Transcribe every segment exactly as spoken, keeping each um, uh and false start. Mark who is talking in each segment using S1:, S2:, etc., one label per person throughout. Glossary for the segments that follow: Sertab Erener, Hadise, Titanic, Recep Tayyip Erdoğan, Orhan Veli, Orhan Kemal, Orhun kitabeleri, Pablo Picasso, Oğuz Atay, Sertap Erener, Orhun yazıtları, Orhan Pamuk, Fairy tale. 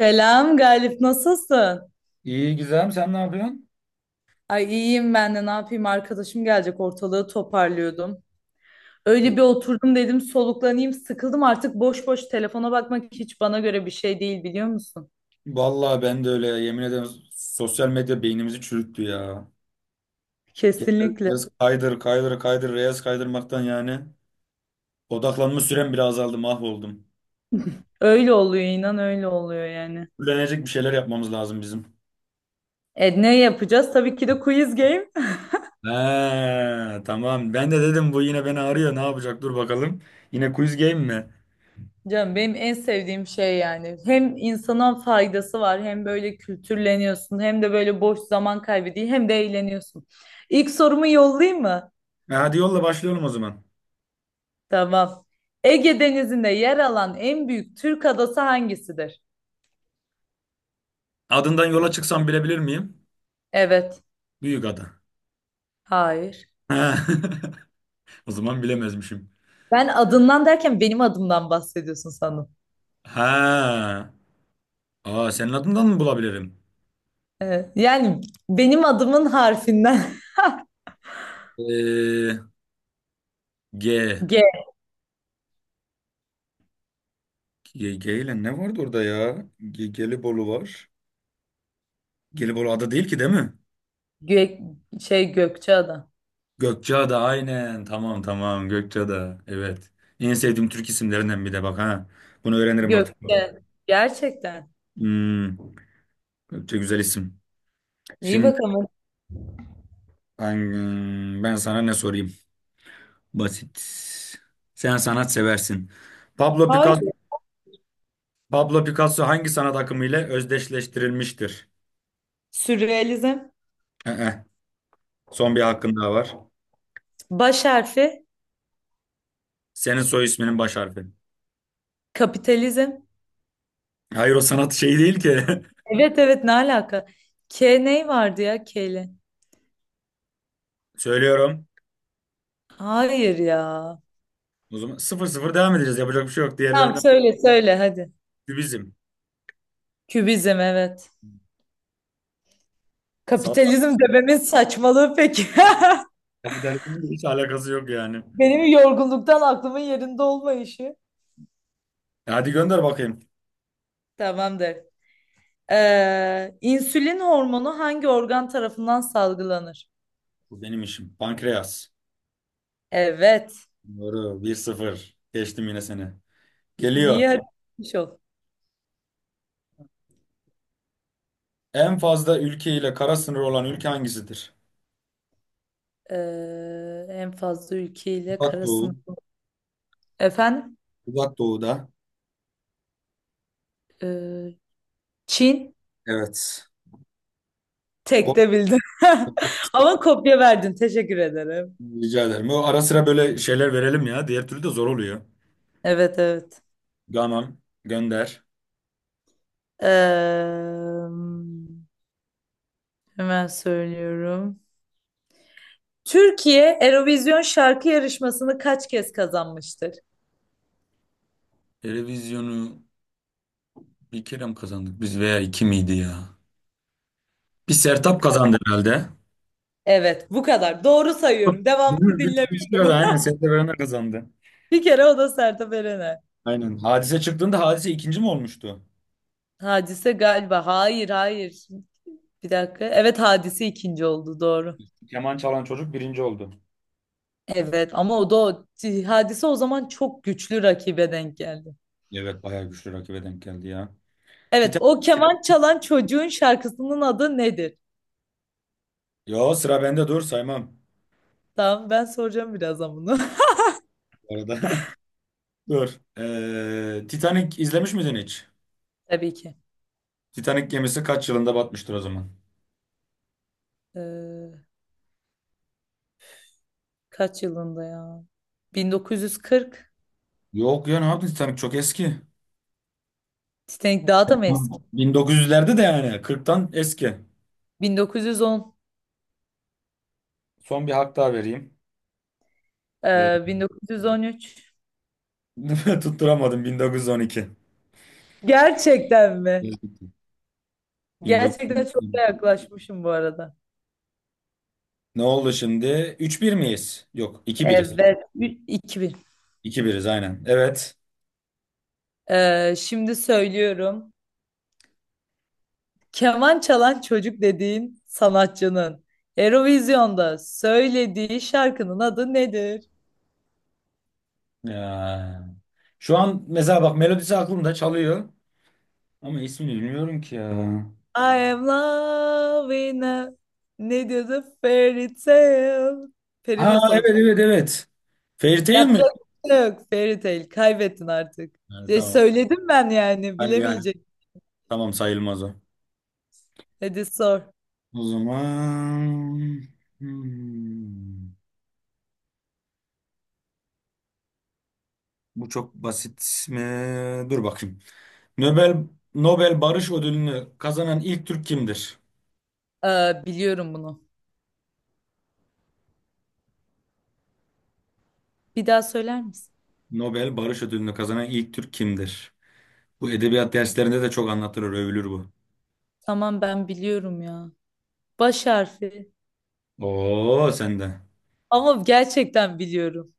S1: Selam Galip, nasılsın?
S2: İyi Gizem, sen ne yapıyorsun?
S1: Ay iyiyim ben de ne yapayım, arkadaşım gelecek, ortalığı toparlıyordum. Öyle bir oturdum, dedim soluklanayım, sıkıldım artık, boş boş telefona bakmak hiç bana göre bir şey değil, biliyor musun?
S2: Vallahi ben de öyle ya. Yemin ederim sosyal medya beynimizi çürüttü ya. Genel
S1: Kesinlikle.
S2: Reels kaydır kaydır kaydır reels kaydırmaktan yani odaklanma sürem bile azaldı, mahvoldum.
S1: Öyle oluyor, inan öyle oluyor yani.
S2: Öğrenecek bir şeyler yapmamız lazım bizim.
S1: E ne yapacağız? Tabii ki de quiz game.
S2: He, tamam, ben de dedim bu yine beni arıyor ne yapacak, dur bakalım. Yine quiz game mi?
S1: Canım benim en sevdiğim şey yani. Hem insana faydası var, hem böyle kültürleniyorsun, hem de böyle boş zaman kaybı değil, hem de eğleniyorsun. İlk sorumu yollayayım mı?
S2: E, hadi yolla, başlayalım o zaman.
S1: Tamam. Ege Denizi'nde yer alan en büyük Türk adası hangisidir?
S2: Adından yola çıksam bilebilir miyim?
S1: Evet.
S2: Büyük ada.
S1: Hayır.
S2: O zaman bilemezmişim.
S1: Ben adından derken benim adımdan bahsediyorsun sanırım.
S2: Ha. Aa, senin adından mı bulabilirim?
S1: Evet. Yani benim adımın harfinden.
S2: Ee, G.
S1: G.
S2: G, G ile ne vardı orada ya? G, Gelibolu var. Gelibolu ada değil ki, değil mi?
S1: Gö şey Gökçeada.
S2: Gökçeada, aynen. Tamam tamam, Gökçeada. Evet. En sevdiğim Türk isimlerinden bir de bak ha. Bunu öğrenirim artık.
S1: Gökçe. Gerçekten.
S2: Hmm. Gökçe güzel isim.
S1: İyi
S2: Şimdi
S1: bakalım.
S2: ben, hmm, ben sana ne sorayım? Basit. Sen sanat seversin. Pablo
S1: Hayır.
S2: Picasso, Pablo Picasso hangi sanat akımı ile özdeşleştirilmiştir?
S1: Sürrealizm.
S2: Ee, son bir hakkın daha var.
S1: Baş harfi.
S2: Senin soy isminin baş harfi.
S1: Kapitalizm.
S2: Hayır, o sanat şeyi değil ki.
S1: Evet evet, ne alaka? K ney vardı ya K ile?
S2: Söylüyorum.
S1: Hayır ya.
S2: O zaman sıfır sıfır devam edeceğiz. Yapacak bir şey yok.
S1: Tamam,
S2: Diğerlerinden
S1: söyle söyle hadi.
S2: bizim.
S1: Kübizm evet.
S2: Salla.
S1: Kapitalizm dememin saçmalığı peki.
S2: Kapitalizmin hiç alakası yok yani.
S1: Benim yorgunluktan aklımın yerinde olmayışı.
S2: E, hadi gönder bakayım.
S1: Tamamdır. Ee, insülin hormonu hangi organ tarafından salgılanır?
S2: Bu benim işim. Pankreas.
S1: Evet.
S2: Doğru. Bir sıfır. Geçtim yine seni. Geliyor.
S1: Niye haritamış ol?
S2: En fazla ülke ile kara sınırı olan ülke hangisidir?
S1: Ee, en fazla ülkeyle
S2: Uzak
S1: kara
S2: Doğu.
S1: sınır. Efendim?
S2: Uzak Doğu'da.
S1: Ee, Çin.
S2: Evet.
S1: Tek
S2: Bu-
S1: de bildim. Ama kopya verdin. Teşekkür ederim.
S2: Rica ederim. Bu ara sıra böyle şeyler verelim ya. Diğer türlü de zor oluyor.
S1: Evet evet.
S2: Tamam. Gönder.
S1: Ee, hemen söylüyorum. Türkiye Eurovision şarkı yarışmasını kaç kez kazanmıştır?
S2: Televizyonu bir kere mi kazandık biz, veya iki miydi ya? Bir Sertap kazandı herhalde.
S1: Evet, bu kadar. Doğru sayıyorum.
S2: Değil
S1: Devamını
S2: mi? Bir, bir kişi kazandı.
S1: dinlemiyorum.
S2: Aynen, Sertab Erener kazandı.
S1: Bir kere o da Sertab Erener.
S2: Aynen. Hadise çıktığında Hadise ikinci mi olmuştu?
S1: Hadise galiba. Hayır, hayır. Bir dakika. Evet, Hadise ikinci oldu. Doğru.
S2: Keman çalan çocuk birinci oldu.
S1: Evet ama o da o. Hadise o zaman çok güçlü rakibe denk geldi.
S2: Evet, bayağı güçlü rakibe denk geldi ya.
S1: Evet,
S2: Titan...
S1: o keman çalan çocuğun şarkısının adı nedir?
S2: Yo, sıra bende, dur saymam.
S1: Tamam, ben soracağım birazdan bunu.
S2: Bu arada. Dur. Ee, Titanic izlemiş miydin hiç?
S1: Tabii ki.
S2: Titanic gemisi kaç yılında batmıştır o zaman?
S1: Ee, kaç yılında ya? bin dokuz yüz kırk.
S2: Yok ya, ne yaptın, Titanic çok eski.
S1: Titanic daha da mı eski?
S2: bin dokuz yüzlerde de yani, kırktan eski.
S1: bin dokuz yüz on,
S2: Son bir hak daha vereyim. Ee,
S1: e, bin dokuz yüz on üç.
S2: Tutturamadım, bin dokuz yüz on iki.
S1: Gerçekten mi? Gerçekten çok da
S2: bin dokuz yüz on iki.
S1: yaklaşmışım bu arada.
S2: Ne oldu şimdi? üç bir miyiz? Yok, iki biriz.
S1: Evet, Ü- iki bin.
S2: iki biriz aynen. Evet.
S1: E, şimdi söylüyorum. Keman çalan çocuk dediğin sanatçının Eurovision'da söylediği şarkının adı nedir?
S2: Ya. Şu an mesela bak, melodisi aklımda çalıyor. Ama ismini bilmiyorum ki ya.
S1: I am loving a... Ne diyordu? Fairy tale. Peri
S2: Ha
S1: masalı.
S2: evet evet evet. Fairytale
S1: Yapacak
S2: mi?
S1: bir şey yok, Fairy Tail. Kaybettin artık.
S2: Yani,
S1: Ya
S2: tamam.
S1: söyledim ben, yani
S2: Hani yani.
S1: bilemeyecek.
S2: Tamam, sayılmaz o.
S1: Hadi sor.
S2: O zaman hmm, bu çok basit mi? Dur bakayım. Nobel Nobel Barış Ödülünü kazanan ilk Türk kimdir?
S1: Ee, biliyorum bunu. Bir daha söyler misin?
S2: Nobel Barış Ödülünü kazanan ilk Türk kimdir? Bu edebiyat derslerinde de çok anlatılır, övülür bu.
S1: Tamam, ben biliyorum ya. Baş harfi.
S2: Oo, sende.
S1: Ama gerçekten biliyorum.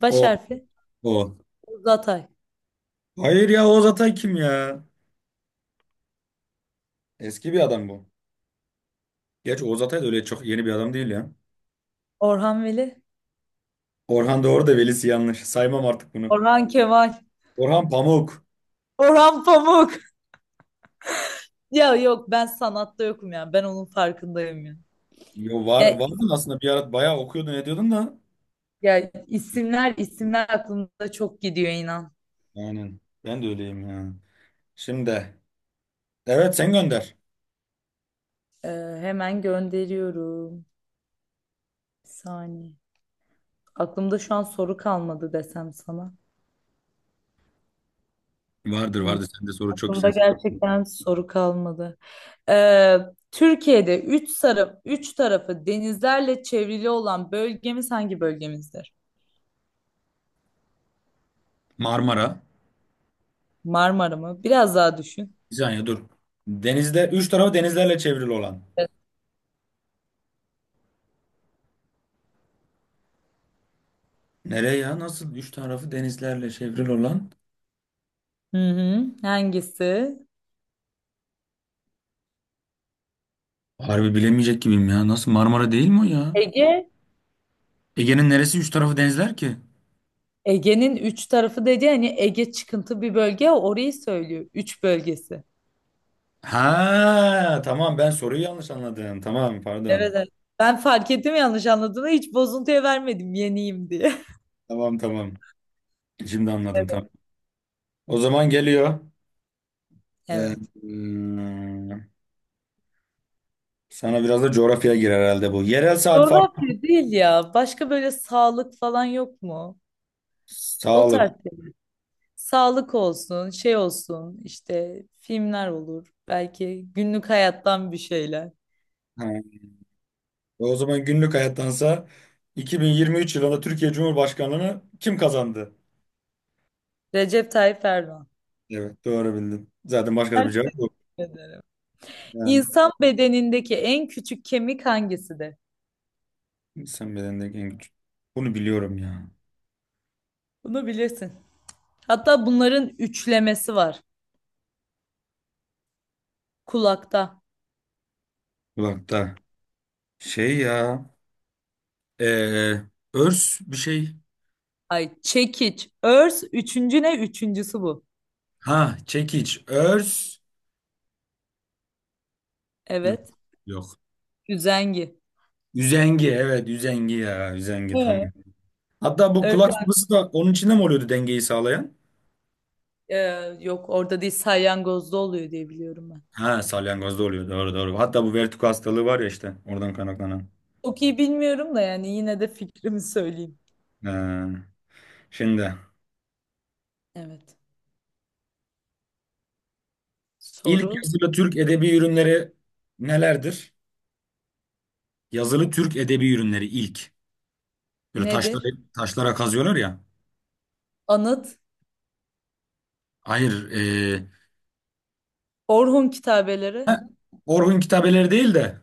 S1: Baş
S2: O,
S1: harfi.
S2: o.
S1: Uzatay.
S2: Hayır ya, Oğuz Atay kim ya? Eski bir adam bu. Gerçi Oğuz Atay da öyle çok yeni bir adam değil ya.
S1: Orhan Veli.
S2: Orhan Doğru da velisi yanlış. Saymam artık bunu.
S1: Orhan Kemal.
S2: Orhan Pamuk.
S1: Orhan Pamuk. Ya yok, ben sanatta yokum ya. Ben onun farkındayım ya.
S2: Yo, var,
S1: Ya,
S2: vardın aslında, bir ara bayağı okuyordun ediyordun da.
S1: ya isimler isimler aklımda çok gidiyor, inan.
S2: Aynen. Ben de öyleyim ya. Şimdi. Evet, sen gönder.
S1: Ee, hemen gönderiyorum. Bir saniye. Aklımda şu an soru kalmadı desem sana.
S2: Vardır
S1: Hmm,
S2: vardır, sende soru çok
S1: aklımda
S2: güzel.
S1: gerçekten soru kalmadı. Ee, Türkiye'de üç sarı, üç tarafı denizlerle çevrili olan bölgemiz hangi bölgemizdir?
S2: Marmara.
S1: Marmara mı? Biraz daha düşün.
S2: Bir saniye dur. Denizde, üç tarafı denizlerle çevrili olan.
S1: Evet.
S2: Nereye ya? Nasıl üç tarafı denizlerle çevrili olan?
S1: Hı hı. Hangisi?
S2: Harbi bilemeyecek gibiyim ya. Nasıl Marmara değil mi o ya?
S1: Ege.
S2: Ege'nin neresi üç tarafı denizler ki?
S1: Ege'nin üç tarafı dedi, hani Ege çıkıntı bir bölge ya, orayı söylüyor. Üç bölgesi.
S2: Ha tamam, ben soruyu yanlış anladım. Tamam,
S1: Evet,
S2: pardon.
S1: evet. Ben fark ettim yanlış anladığını, hiç bozuntuya vermedim yeniyim diye.
S2: Tamam tamam. Şimdi anladım, tamam. O zaman geliyor. Ee,
S1: Evet.
S2: hmm, sana biraz da coğrafya girer herhalde bu. Yerel saat farkı.
S1: Coğrafya değil ya. Başka böyle sağlık falan yok mu? O tarz
S2: Sağlık.
S1: şey. Sağlık olsun, şey olsun, işte filmler olur. Belki günlük hayattan bir şeyler.
S2: Ha. O zaman günlük hayattansa, iki bin yirmi üç yılında Türkiye Cumhurbaşkanlığını kim kazandı?
S1: Recep Tayyip Erdoğan.
S2: Evet, doğru bildin. Zaten başka da bir
S1: Teşekkür
S2: cevap yok.
S1: ederim.
S2: Yani
S1: İnsan bedenindeki en küçük kemik hangisidir?
S2: İnsan bedenindeki en güç. Bunu biliyorum ya.
S1: Bunu bilirsin. Hatta bunların üçlemesi var. Kulakta.
S2: Kulakta. Şey ya. eee, örs bir şey.
S1: Ay çekiç, örs, üçüncü ne? Üçüncüsü bu.
S2: Ha, çekiç. Örs. Yok.
S1: Evet.
S2: Yok.
S1: Üzengi.
S2: Üzengi. Evet, üzengi ya. Üzengi, tamam. Hatta bu
S1: Evet.
S2: kulak sıvısı da onun içinde mi oluyordu, dengeyi sağlayan?
S1: Ee, yok orada değil, salyangozda oluyor diye biliyorum ben.
S2: Ha, salyangozda oluyor. Doğru doğru. Hatta bu vertigo hastalığı var ya işte. Oradan kaynaklanan.
S1: Çok iyi bilmiyorum da yani, yine de fikrimi söyleyeyim.
S2: Ee, şimdi.
S1: Evet.
S2: İlk
S1: Soru
S2: yazılı Türk edebi ürünleri nelerdir? Yazılı Türk edebi ürünleri ilk. Böyle taşlara,
S1: nedir?
S2: taşlara kazıyorlar ya.
S1: Anıt,
S2: Hayır. e,
S1: Orhun kitabeleri,
S2: ha, Orhun kitabeleri değil de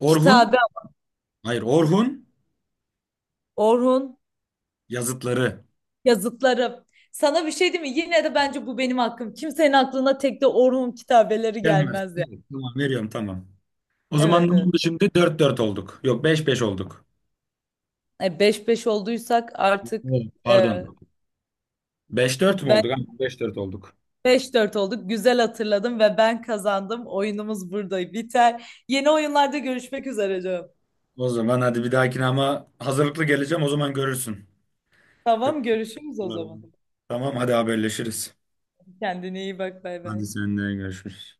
S2: Orhun.
S1: kitabe,
S2: Hayır, Orhun
S1: Orhun
S2: yazıtları.
S1: yazıtları. Sana bir şey diyeyim mi? Yine de bence bu benim hakkım. Kimsenin aklına tek de Orhun kitabeleri
S2: Gelmez.
S1: gelmez ya.
S2: Evet, tamam, veriyorum tamam. O zaman ne
S1: Evet evet.
S2: oldu şimdi? Dört dört olduk. Yok, beş beş olduk.
S1: E, beş beş olduysak artık
S2: Evet.
S1: e,
S2: Pardon. Beş dört mü
S1: ben
S2: olduk? Aynen, beş dört olduk.
S1: beş dört olduk. Güzel hatırladım ve ben kazandım. Oyunumuz burada biter. Yeni oyunlarda görüşmek üzere canım.
S2: O zaman hadi bir dahakine, ama hazırlıklı geleceğim o zaman, görürsün.
S1: Tamam, görüşürüz o
S2: Olur.
S1: zaman.
S2: Tamam, hadi haberleşiriz.
S1: Kendine iyi bak, bay bay.
S2: Hadi, seninle görüşürüz.